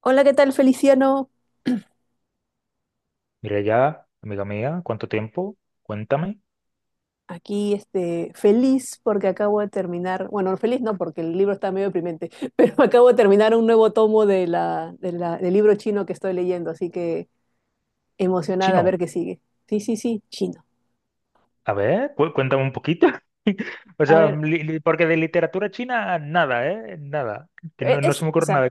Hola, ¿qué tal, Feliciano? Mira ya, amiga mía, ¿cuánto tiempo? Cuéntame. Aquí, este, feliz porque acabo de terminar, bueno, feliz no porque el libro está medio deprimente, pero acabo de terminar un nuevo tomo de del libro chino que estoy leyendo, así que emocionada a ver Chino, qué sigue. Sí, sí, sí, chino. a ver, cuéntame un poquito. O A sea, ver, porque de literatura china, nada, ¿eh? Nada. Que e- no, no es, se me o ocurre sea, nada.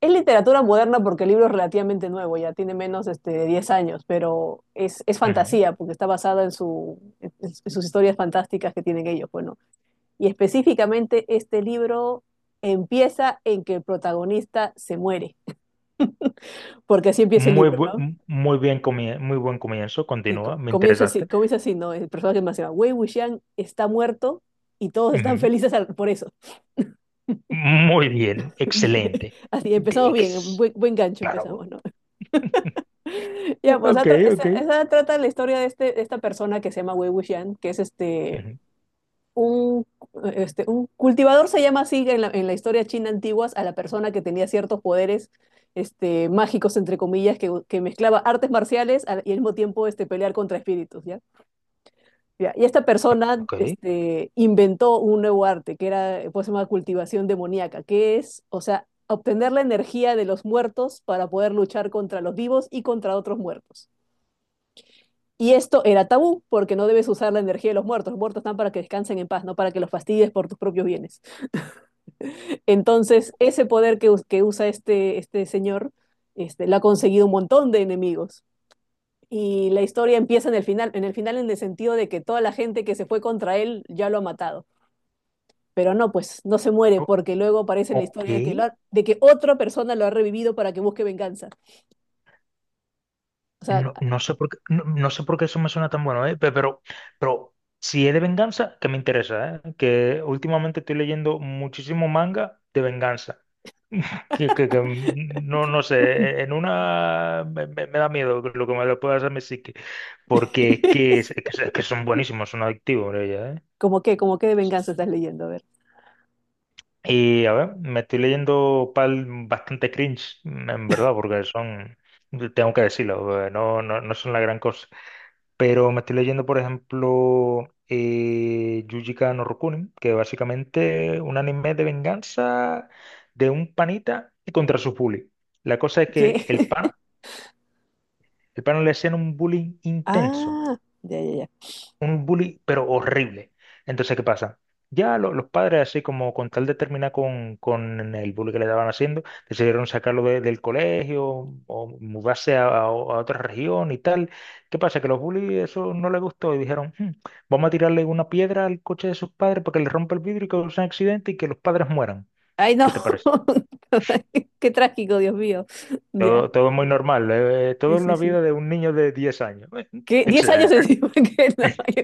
es literatura moderna porque el libro es relativamente nuevo, ya tiene menos, este, de 10 años, pero es Ujú. fantasía porque está basada en su, en sus historias fantásticas que tienen ellos, bueno. Y específicamente este libro empieza en que el protagonista se muere, porque así empieza el Muy, libro, ¿no? Muy bien muy buen comienzo, Sí, continúa, co- me comienza así, interesaste. comienza así, ¿no? El personaje más se llama Wei Wuxian, está muerto y todos están Ujú. felices por eso. Muy bien, Bien. excelente. Así, De- empezamos bien, ex- buen gancho empezamos, claro. ¿no? Ya, pues esa, Ok, tra- ok. esa- esa trata la historia de, este, de esta persona que se llama Wei Wuxian, que es Ujú. un, este, un cultivador. Se llama así en la historia china antigua a la persona que tenía ciertos poderes, este, mágicos, entre comillas, que mezclaba artes marciales y al mismo tiempo, este, pelear contra espíritus, ¿ya? Ya. Y esta persona, Ok. este, inventó un nuevo arte, que era, pues, se llama cultivación demoníaca, que es, o sea, obtener la energía de los muertos para poder luchar contra los vivos y contra otros muertos. Y esto era tabú, porque no debes usar la energía de los muertos. Los muertos están para que descansen en paz, no para que los fastidies por tus propios bienes. Entonces, ese poder que usa este, este señor, este, le ha conseguido un montón de enemigos. Y la historia empieza en el final, en el final, en el sentido de que toda la gente que se fue contra él ya lo ha matado. Pero no, pues no se muere, O- porque luego aparece la ok. historia de que, de que otra persona lo ha revivido para que busque venganza. O sea, No, no sé por qué, no, no sé por qué eso me suena tan bueno, ¿eh? Pero si es de venganza, que me interesa, ¿eh? Que últimamente estoy leyendo muchísimo manga de venganza. No, no sé, en una me da miedo lo que me lo pueda hacer mi psique. Porque es que, es que es que son buenísimos, son adictivos, ella, ¿eh? ¿cómo qué? ¿Cómo qué de venganza estás leyendo? A ver. Y a ver, me estoy leyendo pal bastante cringe, en verdad, porque son, tengo que decirlo, no, no, no son la gran cosa. Pero me estoy leyendo, por ejemplo, Yuji Ka no Rokunin, que básicamente es un anime de venganza de un panita contra su bully. La cosa es que ¿Qué? el pana, el pana le hacían un bullying intenso Ah, ya, ya, ya. un bully, pero horrible. Entonces, ¿qué pasa? Ya los padres, así como con tal de terminar con el bullying que le estaban haciendo, decidieron sacarlo del colegio o mudarse a otra región y tal. ¿Qué pasa? Que los bullies eso no les gustó y dijeron, "Hmm, vamos a tirarle una piedra al coche de sus padres para que le rompa el vidrio y cause un accidente y que los padres mueran." Ay, no. ¿Qué te parece? Qué trágico, Dios mío. Ya. Todo, todo muy normal, todo Sí, en sí, la sí. vida de un niño de 10 años. ¿Qué? ¿10 años Excelente. encima? Que no.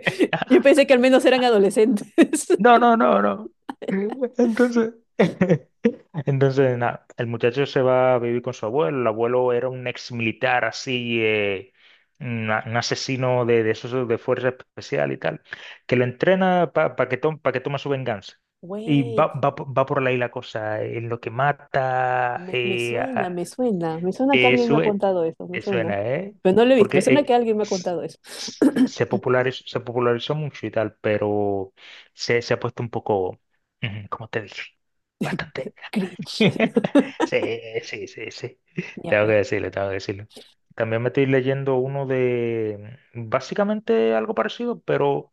Yo pensé que al menos eran adolescentes. No, no, no, no. Entonces, entonces, nada, el muchacho se va a vivir con su abuelo. El abuelo era un ex militar así, un asesino de esos de fuerza especial y tal, que lo entrena para que, tome pa que toma su venganza. Y Wait, va por ahí la cosa, en lo que mata, me suena, me suena. Me suena que te alguien me ha sue- contado eso, me te suena. suena, ¿eh? Pero no lo he visto, Porque me suena que alguien me ha contado eso. Se popularizó, mucho y tal, pero se ha puesto un poco, ujú, como te dije, bastante. Cringe. Sí, sí, sí, sí. Ya Tengo que pues. decirlo, tengo que decirlo. También me estoy leyendo uno de básicamente algo parecido, pero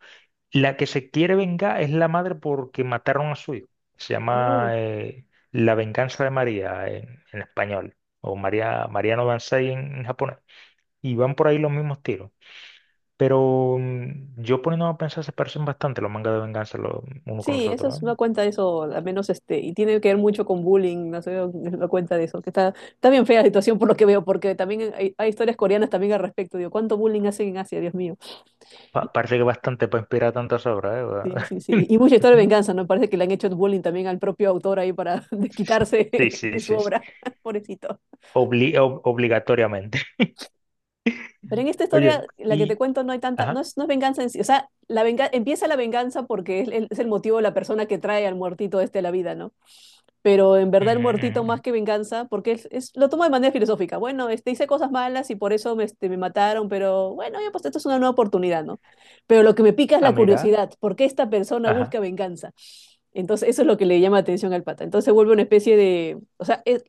la que se quiere vengar es la madre porque mataron a su hijo. Se Oh, llama La venganza de María en español, o María, Mariano Dansei en japonés. Y van por ahí los mismos tiros. Pero yo poniéndome a pensar, se parecen bastante los mangas de venganza uno con sí, los eso es otros, ¿eh? una cuenta de eso, al menos este, y tiene que ver mucho con bullying, no sé, es una cuenta de eso, que está, está bien fea la situación por lo que veo, porque también hay historias coreanas también al respecto, digo, ¿cuánto bullying hacen en Asia, Dios mío? Parece que bastante para inspirar tantas obras, Sí, sí, sí. ¿Eh? Y mucha historia de venganza, ¿no? Parece que le han hecho bullying también al propio autor ahí para desquitarse Sí, sí, en su sí. Sí. obra. Pobrecito. Obligatoriamente. Pero en esta historia, Oye, la que te y... cuento, no hay tanta, no Ajá. es, no es venganza en sí. O sea, empieza la venganza porque es el motivo de la persona que trae al muertito este a la vida, ¿no? Pero en Ujú, verdad el ujú, muertito más ujú. que venganza, porque lo toma de manera filosófica. Bueno, este, hice cosas malas y por eso este, me mataron, pero bueno, ya pues esto es una nueva oportunidad, ¿no? Pero lo que me pica es Ah, la mira. curiosidad, ¿por qué esta persona Ajá. busca venganza? Entonces, eso es lo que le llama atención al pata. Entonces, se vuelve una especie de, o sea, es,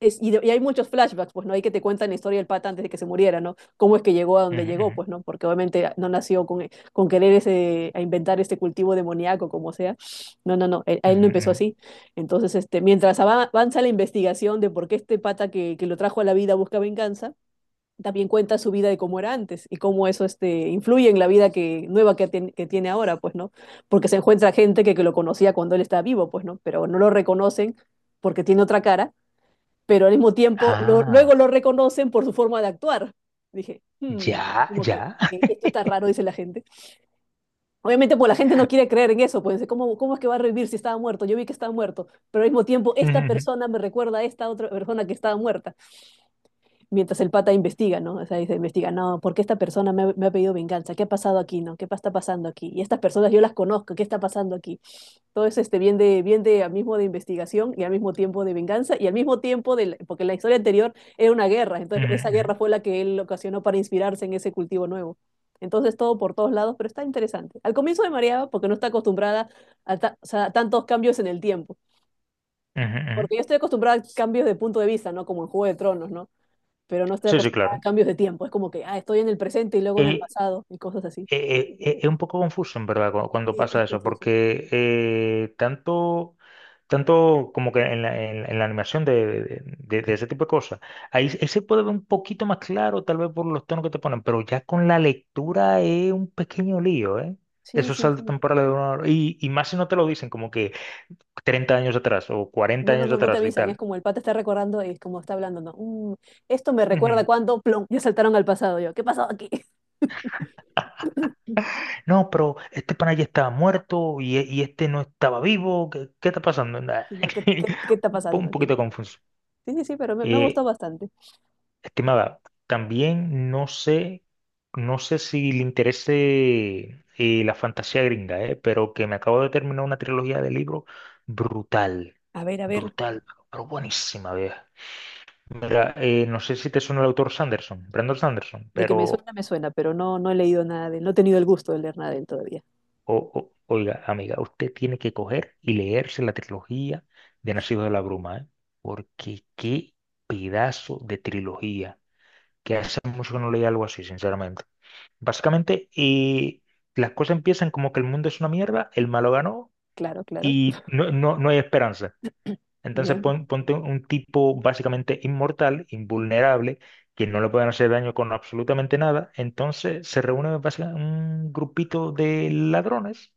es- y, de- y hay muchos flashbacks, pues, ¿no? Hay que te cuentan la historia del pata antes de que se muriera, ¿no? Cómo es que llegó a donde Ujú, llegó, ujú, pues, ¿no? Porque obviamente no nació con querer ese, a inventar este cultivo demoníaco, como sea. No, no, no, a él no ujú, empezó ujú. así. Entonces, este, mientras avanza la investigación de por qué este pata que lo trajo a la vida busca venganza, también cuenta su vida de cómo era antes y cómo eso, este, influye en la vida que, nueva que, que tiene ahora, pues, ¿no? Porque se encuentra gente que lo conocía cuando él estaba vivo, pues, ¿no? Pero no lo reconocen porque tiene otra cara, pero al mismo tiempo luego Ah, lo reconocen por su forma de actuar. Dije, "Hmm", ya, como ya. que esto está raro, dice la gente. Obviamente, pues la gente no quiere creer en eso, pues ¿cómo, cómo es que va a revivir si estaba muerto? Yo vi que estaba muerto, pero al mismo tiempo Ujú, esta ujú, persona me recuerda a esta otra persona que estaba muerta, mientras el pata investiga, ¿no? O sea, dice, investiga, no, ¿por qué esta persona me ha pedido venganza? ¿Qué ha pasado aquí, no? Está pasando aquí? Y estas personas yo las conozco, ¿qué está pasando aquí? Todo es este bien de al mismo de investigación y al mismo tiempo de venganza y al mismo tiempo de porque la historia anterior era una guerra, entonces esa ujú, guerra fue la que él ocasionó para inspirarse en ese cultivo nuevo. Entonces todo por todos lados, pero está interesante. Al comienzo me mareaba porque no está acostumbrada o sea, a tantos cambios en el tiempo, ujú, ujú. Ujú. porque yo estoy acostumbrada a cambios de punto de vista, ¿no? Como en Juego de Tronos, ¿no? Pero no estoy Sí, sí, acostumbrada a claro. cambios de tiempo, es como que, ah, estoy en el presente y luego en el Eh, pasado y cosas así. Es un poco confuso, en verdad, cuando Sí, pasa es eso, confuso. porque tanto. Tanto como que en la, en la animación de ese tipo de cosas. Ahí se puede ver un poquito más claro, tal vez por los tonos que te ponen, pero ya con la lectura es un pequeño lío, ¿eh? Sí, Esos sí, saltos sí. temporales de una hora. Y más si no te lo dicen, como que 30 años atrás o 40 No, no, años no, no te atrás y avisan, es tal. como el pata está recordando y es como está hablando, ¿no? "Mm, esto me recuerda Ujú. cuando, plom, ya saltaron al pasado yo. ¿Qué pasó aquí? No, pero este pana ya estaba muerto y este no estaba vivo. ¿Qué está pasando? Nah. Sí, no, ¿qué, qué, qué está pasando Un aquí? poquito confuso. Sí, sí, sí, pero me ha Eh, gustado bastante. Estimada, también no sé si le interese la fantasía gringa, pero que me acabo de terminar una trilogía de libros brutal, A ver, brutal, pero buenísima, vieja. Mira, no sé si te suena el autor Sanderson, Brandon Sanderson, de que pero. Me suena, pero no, no he leído nada de él, no he tenido el gusto de leer nada de él todavía. Oiga, amiga, usted tiene que coger y leerse la trilogía de Nacido de la Bruma, porque qué pedazo de trilogía, que hace mucho que no leía algo así, sinceramente. Básicamente, y las cosas empiezan como que el mundo es una mierda, el malo ganó Claro, claro. y no, no, no hay esperanza. Entonces Bien, ponte un tipo básicamente inmortal, invulnerable, que no le pueden hacer daño con absolutamente nada. Entonces se reúne básicamente un grupito de ladrones,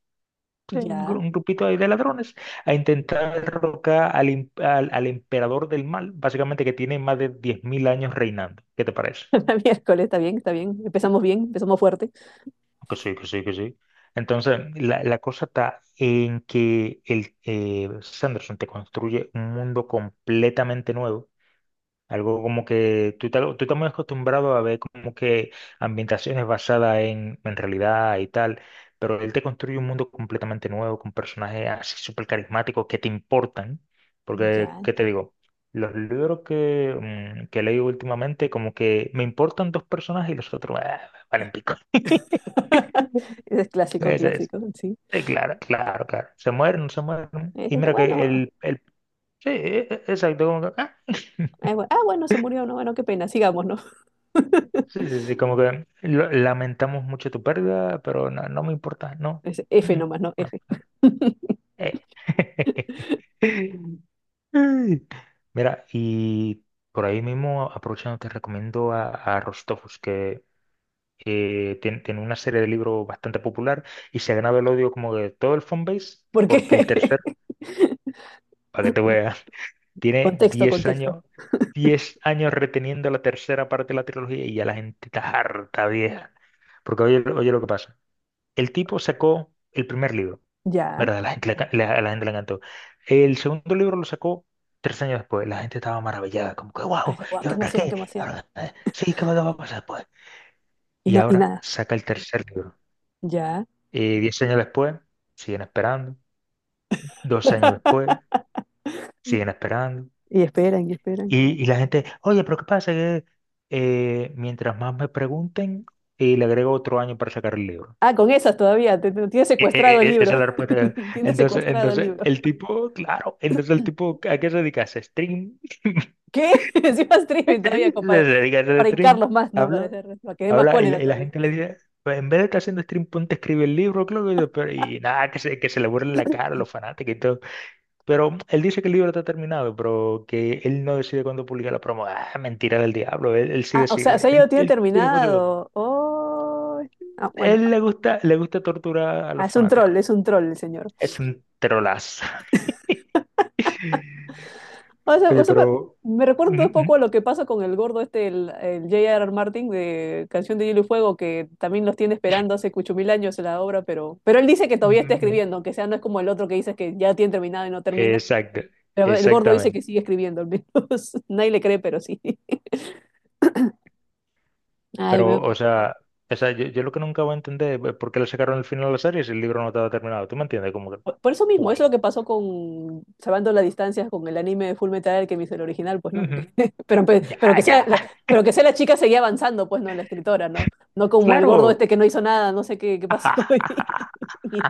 sí, un, ya. gru- un grupito ahí de ladrones, a intentar derrocar al emperador del mal, básicamente que tiene más de 10.000 años reinando. ¿Qué te parece? La Miércoles, está bien, está bien. Empezamos bien, empezamos fuerte. Que sí, que sí, que sí. Entonces, la cosa está en que Sanderson te construye un mundo completamente nuevo. Algo como que tú estás muy acostumbrado a ver como que ambientaciones basadas en realidad y tal, pero él te construye un mundo completamente nuevo con personajes así súper carismáticos que te importan. Porque, Ya. ¿qué te digo? Los libros que he leído últimamente, como que me importan dos personajes y los otros, ah, valen pico. Ese es clásico, clásico, sí. Claro, claro, claro. Se mueren, se mueren. Y mira que Bueno, el sí, exacto, como que, ah. Bueno, se murió, no, bueno, qué pena, sigamos, ¿no? Sí, sí, sí, como que lamentamos mucho tu pérdida, pero no, no me importa, no. Es F Mm, mm, nomás, ¿no? F. no. Eh. Ay. Mira, y por ahí mismo, aprovechando, te recomiendo a Rostopus, que tiene, una serie de libros bastante popular y se ha ganado el odio como de todo el fanbase, Porque porque el tercer, para que te veas. Tiene contexto, 10 contexto. años, 10 años reteniendo la tercera parte de la trilogía y ya la gente está harta, vieja. Porque oye, oye lo que pasa. El tipo sacó el primer libro, Ya. ¿verdad? A La gente le ca- la- a la gente le encantó. El segundo libro lo sacó 3 años después. La gente estaba maravillada, como que, wow, Ay, guau, ¿y qué ahora emoción, qué qué? emoción. ¿Ahora, sí, qué va a pasar después? Y Y no, y ahora nada. saca el tercer libro. Ya. 10 años después, siguen esperando. 2 años después, siguen esperando. Y esperan, y esperan. Y la gente, oye, pero ¿qué pasa? Que mientras más me pregunten, y le agrego otro año para sacar el libro. Ah, con esas todavía. Tiene secuestrado el Esa libro. es la respuesta. Tiene Entonces, secuestrado el libro. el tipo, claro, entonces el tipo, ¿a qué se dedica? ¿Se stream? ¿Qué? Encima streaming todavía, Se compa- dedica a hacer Para stream, hincarlos más, ¿no? Para habla, hacer, para que dé más habla, y cólera la todavía. gente le dice, pues en vez de estar haciendo stream, ponte a escribir el libro, creo que, y nada, que se le burlen la cara a los fanáticos. Pero él dice que el libro está terminado, pero que él no decide cuándo publicar la promo. Ah, mentira del diablo, él sí Ah, o decide. sea, ya lo Él, tiene él tiene voz y voto. terminado. Oh. Ah, bueno. Él le gusta torturar a Ah, los fanáticos. es un troll el señor. Es un trolazo. O Oye, sea, pero... me recuerda un poco a Ujú, lo que pasa con el gordo este, el J.R.R. Martin de Canción de Hielo y Fuego, que también los tiene esperando hace cucho mil años en la obra, pero él dice que ujú, todavía está ujú, ujú. escribiendo, aunque sea no es como el otro que dice que ya tiene terminado y no termina. Exacto, Pero el gordo dice exactamente. que sigue escribiendo, al menos nadie le cree, pero sí. Ay, Pero, me- o sea, yo lo que nunca voy a entender es por qué le sacaron el final a la serie si el libro no estaba terminado. ¿Tú me entiendes? Como que, por eso mismo, eso guay. es lo que pasó con, salvando las distancias con el anime de Full Metal Alchemist, el original, pues no. Ujú. Pero, Ya, pero, que ya. sea la, pero que sea la chica seguía avanzando, pues no, la escritora, ¿no? No como el gordo este Claro. que no hizo nada, no sé qué, qué pasó. Y, y-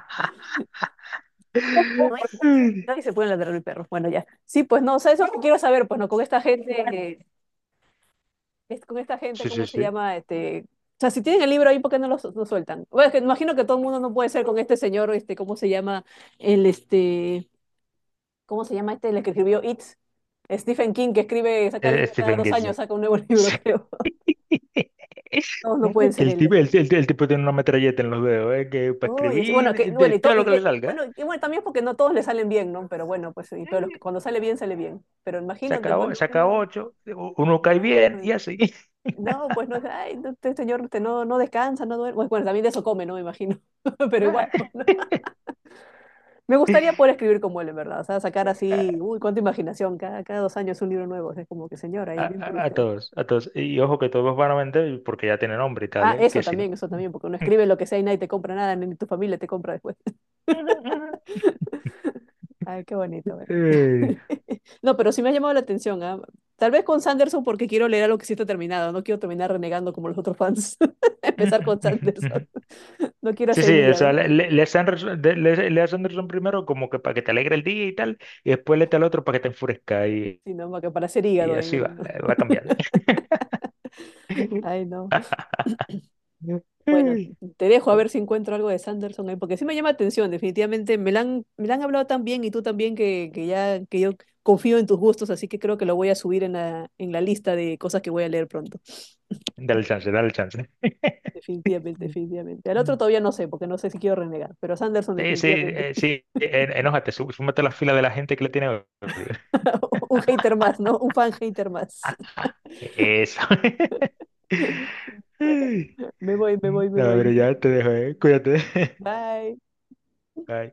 no, y se pueden ladrar el perro. Bueno, ya. Sí, pues no, o sea, eso es lo que quiero saber, pues no, con esta gente, eh, es, con esta gente, Sí, sí, ¿cómo se sí. llama? Este, o sea, si tienen el libro ahí, ¿por qué no lo sueltan? Bueno, es que imagino que todo el mundo no puede ser con este señor, este, ¿cómo se llama? El, este, ¿cómo se llama este, el que escribió It? Stephen King, que escribe, saca libro cada Stephen dos King, sí. años, saca un nuevo libro, Sí. creo. Todos no pueden Que ser el él. tipo, el tipo tiene una metralleta en los dedos, que para Oh, escribir bueno, que, de bueno, todo lo que le bueno, salga. y bueno, también porque no todos le salen bien, ¿no? Pero bueno, pues, y, pero los que, Eh, cuando sale bien, sale bien. Pero imagínate, Saca, pues, o- ¿no? saca Como, ocho, uno cae no, bien y así. no, pues, no, es, ay, no, este señor usted no, no descansa, no duerme. Pues, bueno, también de eso come, ¿no? Me imagino. Pero igual, Nah, pues, ¿no? Me gustaría poder escribir como él, en verdad. O sea, sacar así, uy, cuánta imaginación. Cada 2 años un libro nuevo. Es como que, señor, A, ahí, bien a- por a- a usted. todos, a todos. Y ojo que todos van a vender porque ya tienen nombre y tal, Ah, que si no. Eso también, porque uno escribe lo que sea y nadie te compra nada, ni tu familia te compra después. Ay, qué bonito, bueno. Eh, No, pero sí me ha llamado la atención, ¿ah? Tal vez con Sanderson, porque quiero leer algo que sí está terminado. No quiero terminar renegando como los otros fans. Empezar Ujú, con ujú, ujú. Sanderson. No quiero Sí, hacer sí, o sea, hígado. Lance Anderson, Lance Anderson primero como que para que te alegre el día y tal, y después le lete al otro para que te enfurezca y, Sino no, que para hacer y hígado, ay, así no, va, no. Va cambiando. Ay, no. Ay, Bueno, te dejo a ver si encuentro algo de Sanderson ahí, porque sí me llama la atención, definitivamente. Me la han hablado tan bien y tú también que ya que yo confío en tus gustos, así que creo que lo voy a subir en la lista de cosas que voy a leer pronto. dale chance, dale chance. Definitivamente, definitivamente. Al otro Mm. todavía no sé, porque no sé si quiero renegar, pero Sanderson Sí, sí, definitivamente. Sí, enójate, súmate a la fila de la gente que le tiene odio. Un hater más, ¿no? Un fan hater más. Eso. Bueno, Ay. me voy, me voy, me Nada, pero voy. ya te dejo, eh. Cuídate. Bye. Bye.